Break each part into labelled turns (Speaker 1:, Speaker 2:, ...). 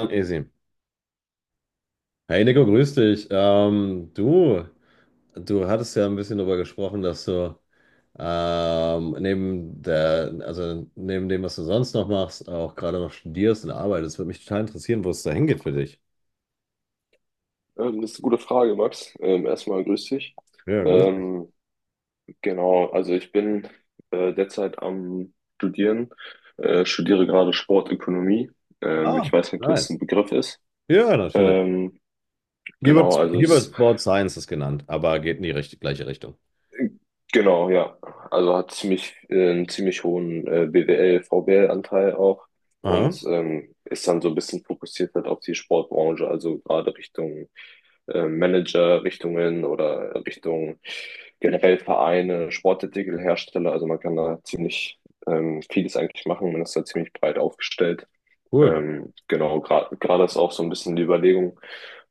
Speaker 1: Easy. Hey Nico, grüß dich. Du, du hattest ja ein bisschen darüber gesprochen, dass du neben der, also neben dem, was du sonst noch machst, auch gerade noch studierst und arbeitest. Würde mich total interessieren, wo es da hingeht für dich.
Speaker 2: Das ist eine gute Frage, Max. Erstmal grüß dich.
Speaker 1: Ja, grüß dich.
Speaker 2: Ähm, genau, also ich bin derzeit am Studieren, studiere gerade Sportökonomie.
Speaker 1: Ah,
Speaker 2: Ich weiß nicht, ob das
Speaker 1: nice.
Speaker 2: ein Begriff ist.
Speaker 1: Ja, natürlich.
Speaker 2: Ähm, genau, also
Speaker 1: Hier
Speaker 2: es
Speaker 1: wird Board Sciences genannt, aber geht in die gleiche Richtung.
Speaker 2: Genau, ja. Also hat ziemlich, einen ziemlich hohen BWL, VWL-Anteil auch
Speaker 1: Aha,
Speaker 2: und ist dann so ein bisschen fokussiert halt auf die Sportbranche, also gerade Richtung Manager, Richtungen oder Richtung generell Vereine, Sportartikelhersteller. Also man kann da ziemlich vieles eigentlich machen. Man ist da ziemlich breit aufgestellt.
Speaker 1: cool.
Speaker 2: Genau, gerade ist auch so ein bisschen die Überlegung,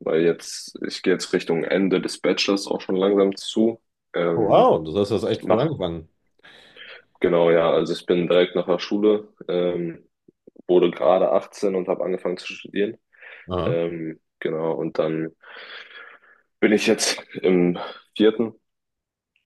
Speaker 2: weil jetzt, ich gehe jetzt Richtung Ende des Bachelors auch schon langsam zu. Ähm,
Speaker 1: Wow, du hast das echt früh
Speaker 2: mach
Speaker 1: angefangen.
Speaker 2: Genau, ja. Also ich bin direkt nach der Schule, wurde gerade 18 und habe angefangen zu studieren.
Speaker 1: Aha.
Speaker 2: Genau, und dann bin ich jetzt im vierten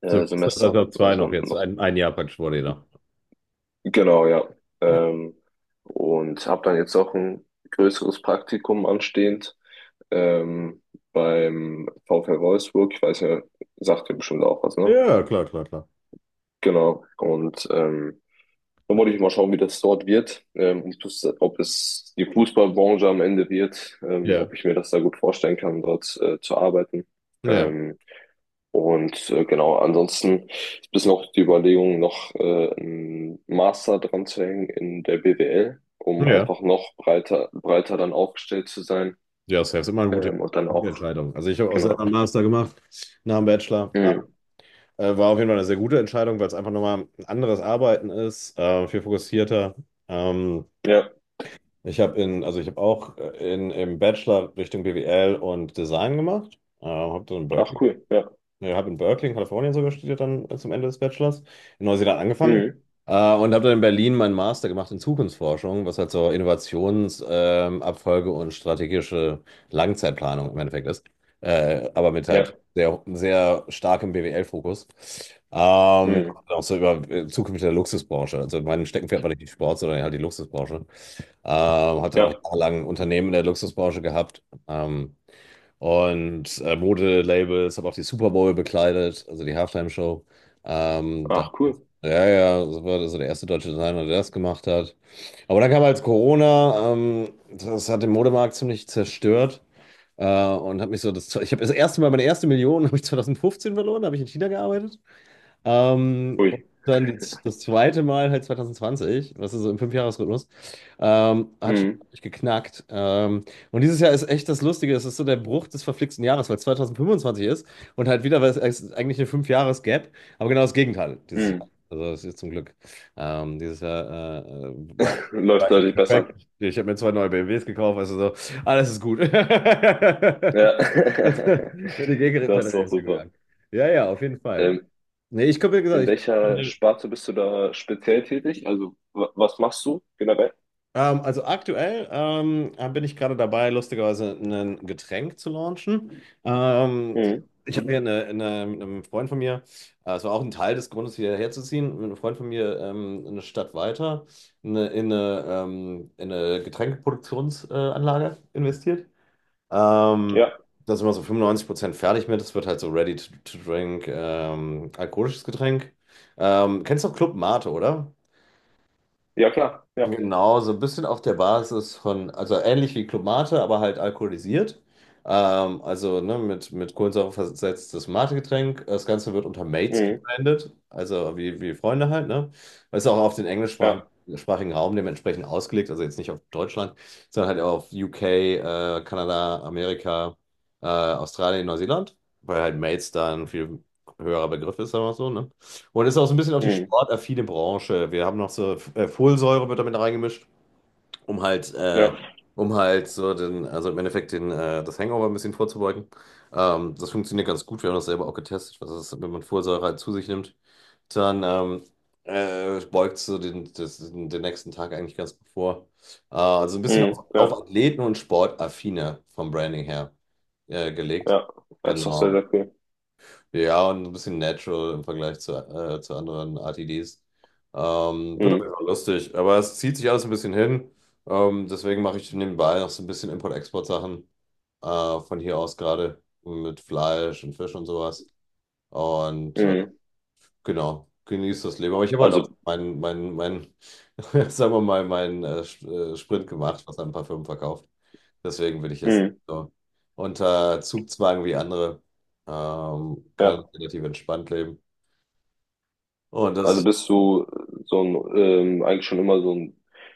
Speaker 2: Semester,
Speaker 1: Semester zwei
Speaker 2: also
Speaker 1: noch jetzt.
Speaker 2: noch,
Speaker 1: Ein Jahr praktisch vor dir noch.
Speaker 2: genau, ja.
Speaker 1: Ja.
Speaker 2: Ähm, und habe dann jetzt auch ein größeres Praktikum anstehend ähm, beim VfL Wolfsburg. Ich weiß ja, sagt ihr bestimmt auch was, ne?
Speaker 1: Ja, klar, klar, klar.
Speaker 2: Genau. Dann wollte ich mal schauen, wie das dort wird, ob das, ob es die Fußballbranche am Ende wird, ob
Speaker 1: Ja,
Speaker 2: ich mir das da gut vorstellen kann, dort zu arbeiten.
Speaker 1: ja,
Speaker 2: Ähm, Ansonsten ist bis noch die Überlegung, noch einen Master dran zu hängen in der BWL, um
Speaker 1: ja.
Speaker 2: einfach noch breiter dann aufgestellt zu sein.
Speaker 1: Ja, das ist immer eine gute,
Speaker 2: Ähm, und dann
Speaker 1: gute
Speaker 2: auch,
Speaker 1: Entscheidung. Also ich habe auch
Speaker 2: genau.
Speaker 1: selber einen Master gemacht nach dem Bachelor. Ah,
Speaker 2: Mhm.
Speaker 1: War auf jeden Fall eine sehr gute Entscheidung, weil es einfach nochmal ein anderes Arbeiten ist, viel fokussierter. Ähm,
Speaker 2: Ja,
Speaker 1: also ich habe auch im Bachelor Richtung BWL und Design gemacht. Habe dann in
Speaker 2: ach
Speaker 1: Berkeley,
Speaker 2: cool, ja.
Speaker 1: ja, habe in Berkeley, in Kalifornien sogar studiert, dann zum Ende des Bachelors. In Neuseeland angefangen.
Speaker 2: Mhm.
Speaker 1: Und habe dann in Berlin meinen Master gemacht in Zukunftsforschung, was halt so Innovationsabfolge Abfolge und strategische Langzeitplanung im Endeffekt ist. Aber mit halt
Speaker 2: Ja,
Speaker 1: sehr, sehr starkem BWL-Fokus.
Speaker 2: mhm.
Speaker 1: Auch so über Zukunft der Luxusbranche. Also mein Steckenpferd war nicht die Sport, sondern halt die Luxusbranche. Hatte auch
Speaker 2: Ja,
Speaker 1: jahrelang Unternehmen in der Luxusbranche gehabt. Ähm, Modelabels, habe auch die Super Bowl bekleidet, also die Halftime-Show. Ähm, da,
Speaker 2: ach cool.
Speaker 1: ja, ja, das war also der erste deutsche Designer, der das gemacht hat. Aber dann kam halt Corona, das hat den Modemarkt ziemlich zerstört. Äh, und habe mich so das, Ich habe das erste Mal meine erste Million habe ich 2015 verloren, da habe ich in China gearbeitet. Ähm, und
Speaker 2: Ui.
Speaker 1: dann die, Das zweite Mal halt 2020, was ist so im Fünfjahresrhythmus, hat schon
Speaker 2: Mhm.
Speaker 1: richtig geknackt. Und dieses Jahr ist echt das Lustige, es ist so der Bruch des verflixten Jahres, weil es 2025 ist und halt wieder, weil es ist eigentlich eine Fünfjahres-Gap, aber genau das Gegenteil dieses Jahr.
Speaker 2: Mhm.
Speaker 1: Also das ist zum Glück. Ähm, dieses Jahr äh, äh, war, war
Speaker 2: Läuft
Speaker 1: eigentlich
Speaker 2: deutlich besser.
Speaker 1: perfekt. Ich habe mir zwei neue BMWs gekauft, also so, alles ist gut.
Speaker 2: Ja,
Speaker 1: Die
Speaker 2: das
Speaker 1: Gegenteil
Speaker 2: ist doch
Speaker 1: ist
Speaker 2: super.
Speaker 1: gegangen. Ja, ja, auf jeden Fall.
Speaker 2: Ähm,
Speaker 1: Nee, ich glaube, wie gesagt,
Speaker 2: in welcher Sparte bist du da speziell tätig? Also, was machst du generell?
Speaker 1: also aktuell bin ich gerade dabei, lustigerweise ein Getränk zu launchen.
Speaker 2: Mhm.
Speaker 1: Ich habe hier mit einem Freund von mir, es war auch ein Teil des Grundes, hierher zu ziehen, mit einem Freund von mir eine Stadt weiter in eine Getränkeproduktionsanlage Anlage investiert. Ähm,
Speaker 2: Ja,
Speaker 1: Da sind wir so 95% fertig mit. Es wird halt so ready to drink, alkoholisches Getränk. Kennst du Club Mate, oder?
Speaker 2: ja, klar. Ja,
Speaker 1: Genau, so ein bisschen auf der Basis von, also ähnlich wie Club Mate, aber halt alkoholisiert. Also ne, mit Kohlensäure versetztes Mate-Getränk. Das Ganze wird unter Mates
Speaker 2: mhm.
Speaker 1: gebrandet, also wie Freunde halt, ne? Ist auch auf den englischsprachigen
Speaker 2: Ja,
Speaker 1: sprachigen Raum dementsprechend ausgelegt, also jetzt nicht auf Deutschland, sondern halt auf UK, Kanada, Amerika, Australien, Neuseeland, weil halt Mates da ein viel höherer Begriff ist, sagen wir mal so, ne? Und ist auch so ein bisschen auf die
Speaker 2: mhm.
Speaker 1: sportaffine Branche. Wir haben noch so Folsäure wird damit reingemischt, um halt, äh,
Speaker 2: Ja,
Speaker 1: um halt so den, also im Endeffekt den, das Hangover ein bisschen vorzubeugen. Das funktioniert ganz gut. Wir haben das selber auch getestet, was ist, wenn man Folsäure halt zu sich nimmt. Dann Beugt so den, das, den den nächsten Tag eigentlich ganz gut vor. Also ein bisschen
Speaker 2: mhm.
Speaker 1: auf
Speaker 2: Ja,
Speaker 1: Athleten und Sportaffine vom Branding her gelegt.
Speaker 2: ja. Das ist doch sehr,
Speaker 1: Genau.
Speaker 2: sehr cool.
Speaker 1: Ja, und so ein bisschen natural im Vergleich zu anderen RTDs. Wird auf
Speaker 2: Mhm.
Speaker 1: jeden Fall lustig, aber es zieht sich alles ein bisschen hin. Deswegen mache ich nebenbei noch so ein bisschen Import-Export-Sachen von hier aus gerade mit Fleisch und Fisch und sowas. Und äh,
Speaker 2: Mhm.
Speaker 1: Genau, genieß das Leben. Aber ich habe halt auch
Speaker 2: Also,
Speaker 1: sagen wir mal, meinen Sprint gemacht, was an Parfüm verkauft. Deswegen will ich jetzt
Speaker 2: mhm.
Speaker 1: so unter Zugzwang wie andere,
Speaker 2: Ja,
Speaker 1: kann relativ entspannt leben. Und das
Speaker 2: also
Speaker 1: ist,
Speaker 2: bist du so ein, eigentlich schon immer so ein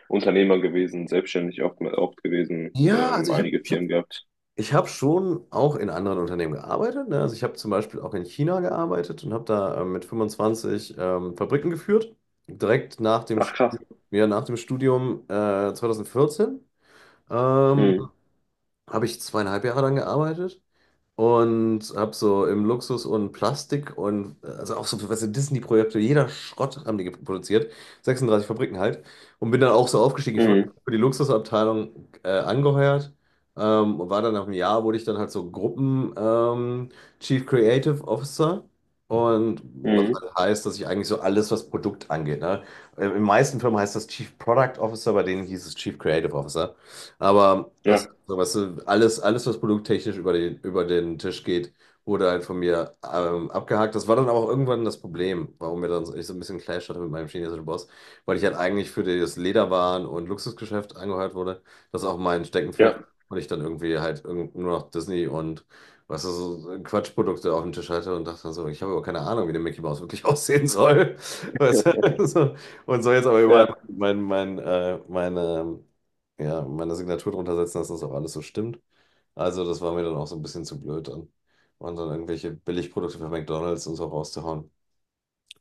Speaker 2: Unternehmer gewesen, selbstständig oft gewesen,
Speaker 1: ja,
Speaker 2: einige Firmen gehabt.
Speaker 1: ich hab schon auch in anderen Unternehmen gearbeitet. Ne? Also ich habe zum Beispiel auch in China gearbeitet und habe da mit 25 Fabriken geführt, direkt
Speaker 2: Ach, krass.
Speaker 1: Ja, nach dem Studium 2014. Ähm,
Speaker 2: Mhm.
Speaker 1: Habe ich zweieinhalb Jahre dann gearbeitet und habe so im Luxus und Plastik und also auch so, weißt du, Disney-Projekte, jeder Schrott haben die produziert, 36 Fabriken halt und bin dann auch so aufgestiegen. Ich wurde
Speaker 2: Mhm.
Speaker 1: für die Luxusabteilung angeheuert war dann nach einem Jahr wurde ich dann halt so Gruppen Chief Creative Officer. Und was
Speaker 2: Mhm.
Speaker 1: halt heißt, dass ich eigentlich so alles, was Produkt angeht. Ne? In den meisten Firmen heißt das Chief Product Officer, bei denen hieß es Chief Creative Officer. Aber das,
Speaker 2: Ja,
Speaker 1: so, weißt du, alles, was produkttechnisch über den Tisch geht, wurde halt von mir abgehakt. Das war dann aber auch irgendwann das Problem, warum ich so ein bisschen Clash hatte mit meinem chinesischen Boss, weil ich halt eigentlich für das Lederwaren- und Luxusgeschäft angeheuert wurde. Das ist auch mein
Speaker 2: ja.
Speaker 1: Steckenpferd. Und ich dann irgendwie halt irgend nur noch Disney und, was weißt du, so so Quatschprodukte auf dem Tisch hatte und dachte so, ich habe aber keine Ahnung, wie der Mickey Mouse wirklich aussehen soll. Weißt du? So. Und so jetzt aber überall
Speaker 2: Ja.
Speaker 1: mein, mein, meine ja, meine Signatur drunter setzen, dass das auch alles so stimmt. Also, das war mir dann auch so ein bisschen zu blöd dann. Und dann irgendwelche Billigprodukte von McDonald's und so rauszuhauen,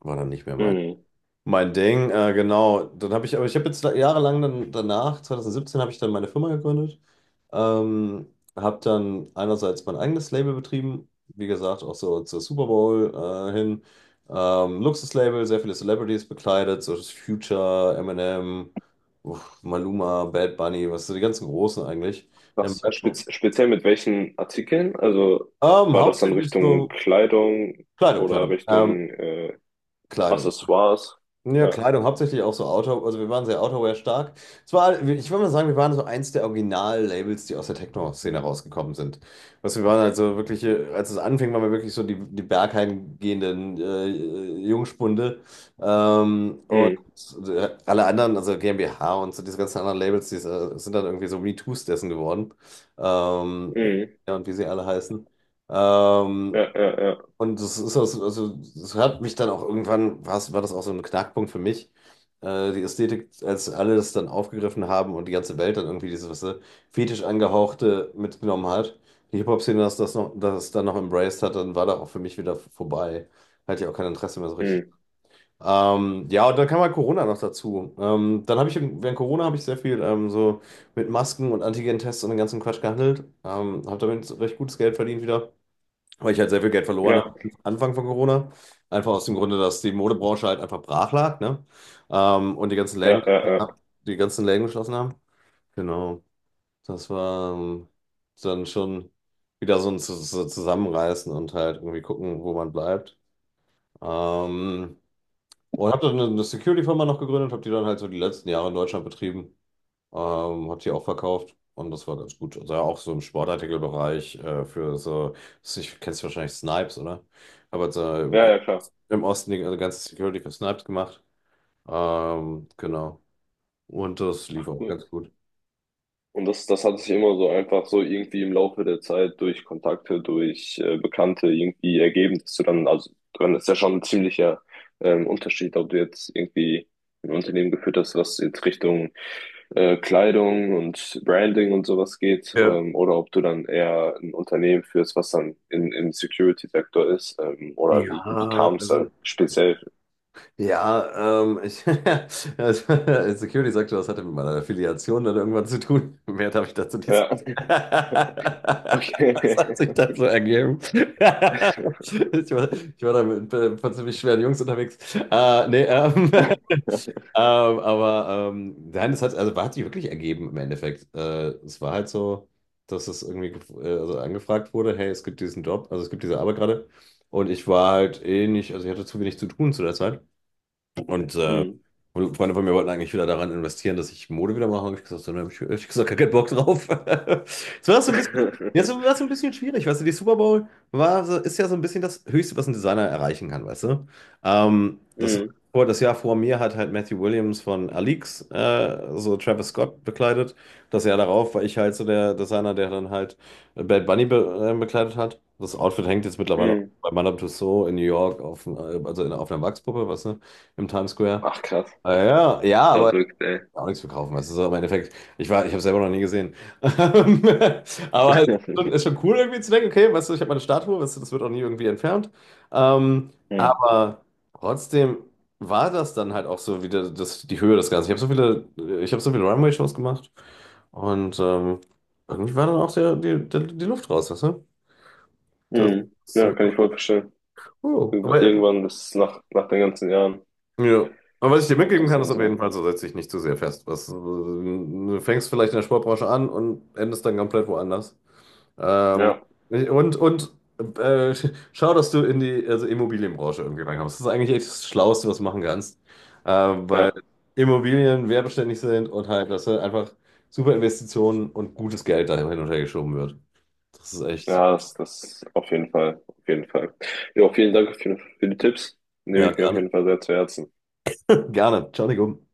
Speaker 1: war dann nicht mehr
Speaker 2: Hm.
Speaker 1: mein Ding, genau. Dann habe ich, aber Ich habe jetzt jahrelang dann danach, 2017, habe ich dann meine Firma gegründet. Habe dann einerseits mein eigenes Label betrieben, wie gesagt, auch so zur Super Bowl hin. Luxuslabel, sehr viele Celebrities bekleidet, so das Future, Eminem, uff, Maluma, Bad Bunny, was sind die ganzen Großen eigentlich? Ähm,
Speaker 2: Was
Speaker 1: Rap-
Speaker 2: speziell mit welchen Artikeln? Also war das dann
Speaker 1: Hauptsächlich
Speaker 2: Richtung
Speaker 1: so
Speaker 2: Kleidung
Speaker 1: Kleidung,
Speaker 2: oder
Speaker 1: Kleidung.
Speaker 2: Richtung
Speaker 1: Kleidung.
Speaker 2: Accessoires?
Speaker 1: Ja,
Speaker 2: Ja.
Speaker 1: Kleidung, hauptsächlich auch so Outdoor, also wir waren sehr Outerwear stark. Zwar, ich würde mal sagen, wir waren so eins der Original-Labels, die aus der Techno-Szene rausgekommen sind. Was wir waren also Wirklich, als es anfing, waren wir wirklich so die bergheim gehenden Jungspunde. Ähm,
Speaker 2: Hm.
Speaker 1: Alle anderen, also GmbH und so diese ganzen anderen Labels, die sind dann irgendwie so MeToos dessen geworden. Ähm,
Speaker 2: Hm.
Speaker 1: ja, und wie sie alle heißen. Ähm,
Speaker 2: Ja, ja, ja.
Speaker 1: also das hat mich dann auch irgendwann, war das auch so ein Knackpunkt für mich. Die Ästhetik, als alle das dann aufgegriffen haben und die ganze Welt dann irgendwie dieses, weißt du, fetisch angehauchte mitgenommen hat. Die Hip-Hop-Szene, das dann noch embraced hat, dann war da auch für mich wieder vorbei. Hatte ich auch kein Interesse mehr so richtig.
Speaker 2: Hm.
Speaker 1: Ja, und dann kam halt Corona noch dazu. Während Corona habe ich sehr viel so mit Masken und Antigen-Tests und dem ganzen Quatsch gehandelt. Habe damit recht gutes Geld verdient wieder, weil ich halt sehr viel Geld verloren
Speaker 2: Ja,
Speaker 1: habe am Anfang von Corona. Einfach aus dem Grunde, dass die Modebranche halt einfach brach lag, ne? Ähm, und die ganzen
Speaker 2: ja,
Speaker 1: Läden,
Speaker 2: ja, ja.
Speaker 1: Die ganzen Läden geschlossen haben. Genau. Das war dann schon Wieder so ein Zusammenreißen und halt irgendwie gucken, wo man bleibt. Ähm, und habe dann eine Security-Firma noch gegründet, habe die dann halt so die letzten Jahre in Deutschland betrieben. Hat die auch verkauft und das war ganz gut. Also auch so im Sportartikelbereich für so, ich kennst wahrscheinlich Snipes, oder? Aber halt so
Speaker 2: Ja, ja, klar.
Speaker 1: im Osten die ganze Security für Snipes gemacht. Genau. Und das lief
Speaker 2: Ach,
Speaker 1: auch
Speaker 2: cool.
Speaker 1: ganz gut.
Speaker 2: Und das hat sich immer so einfach so irgendwie im Laufe der Zeit durch Kontakte, durch Bekannte irgendwie ergeben, dass du dann, also dann ist ja schon ein ziemlicher Unterschied, ob du jetzt irgendwie ein Unternehmen geführt hast, was jetzt Richtung Kleidung und Branding und sowas geht,
Speaker 1: Ja.
Speaker 2: oder ob du dann eher ein Unternehmen führst, was dann im Security-Sektor ist, oder
Speaker 1: Ja,
Speaker 2: wie kam es da
Speaker 1: also
Speaker 2: speziell?
Speaker 1: Ja, also, Security sagte, das hatte mit meiner Affiliation dann irgendwann zu tun. Mehr darf ich dazu nicht
Speaker 2: Ja,
Speaker 1: sagen. Das
Speaker 2: okay.
Speaker 1: hat sich dann so ergeben. Ich war, Ich war da mit ein paar ziemlich schweren Jungs unterwegs. Äh, nee, ähm, ähm, nein, hat sich wirklich ergeben im Endeffekt. Es war halt so, dass es irgendwie angefragt wurde, hey, es gibt diesen Job, also es gibt diese Arbeit gerade. Und ich war halt eh nicht, also ich hatte zu wenig zu tun zu der Zeit. Und äh,
Speaker 2: Mm.
Speaker 1: Freunde von mir wollten eigentlich wieder daran investieren, dass ich Mode wieder mache, und ich gesagt, so, ne, hab ich gesagt, gar keinen Bock drauf. Es war so ein bisschen, ja, so, war so ein bisschen schwierig, weißt du, die Super Bowl ist ja so ein bisschen das Höchste, was ein Designer erreichen kann, weißt du. Ähm, das,
Speaker 2: Mm.
Speaker 1: Das Jahr vor mir hat halt Matthew Williams von Alix, so Travis Scott bekleidet. Das Jahr darauf war ich halt so der Designer, der dann halt Bad Bunny be bekleidet hat. Das Outfit hängt jetzt mittlerweile auch
Speaker 2: Mm.
Speaker 1: bei Madame Tussauds in New York auf, auf einer Wachspuppe, weißt du, im Times Square.
Speaker 2: Ach, krass.
Speaker 1: Ah, ja, ja, aber
Speaker 2: Verrückt, ey.
Speaker 1: auch nichts verkaufen. Das ist auch im Endeffekt, ich habe selber noch nie gesehen. Aber es ist schon cool irgendwie zu denken, okay, weißt du, ich habe meine Statue, weißt du, das wird auch nie irgendwie entfernt. Ähm,
Speaker 2: Hm.
Speaker 1: aber trotzdem war das dann halt auch so wieder das, die Höhe des Ganzen. Ich habe so viele Runway-Shows gemacht und irgendwie war dann auch die Luft raus, weißt du? Das
Speaker 2: Hm.
Speaker 1: ist
Speaker 2: Ja,
Speaker 1: so,
Speaker 2: kann ich voll verstehen.
Speaker 1: cool.
Speaker 2: Irgendwann, das nach, nach den ganzen Jahren,
Speaker 1: Ja. Aber was ich dir
Speaker 2: kommt
Speaker 1: mitgeben
Speaker 2: das
Speaker 1: kann, ist
Speaker 2: dann
Speaker 1: auf
Speaker 2: so.
Speaker 1: jeden Fall, so setz dich nicht zu sehr fest. Du fängst vielleicht in der Sportbranche an und endest dann komplett woanders. Ähm,
Speaker 2: Ja,
Speaker 1: und und äh, Schau, dass du in die, also Immobilienbranche irgendwie reinkommst. Das ist eigentlich echt das Schlauste, was du machen kannst. Weil
Speaker 2: ja,
Speaker 1: Immobilien wertbeständig sind und halt, dass halt einfach super Investitionen und gutes Geld da hin und her geschoben wird. Das ist echt.
Speaker 2: ja, das, das auf jeden Fall, auf jeden Fall. Ja, vielen Dank auf für die Tipps. Nehme
Speaker 1: Ja,
Speaker 2: ich mir auf
Speaker 1: gerne.
Speaker 2: jeden Fall sehr zu Herzen.
Speaker 1: Gerne. Ciao, Nico.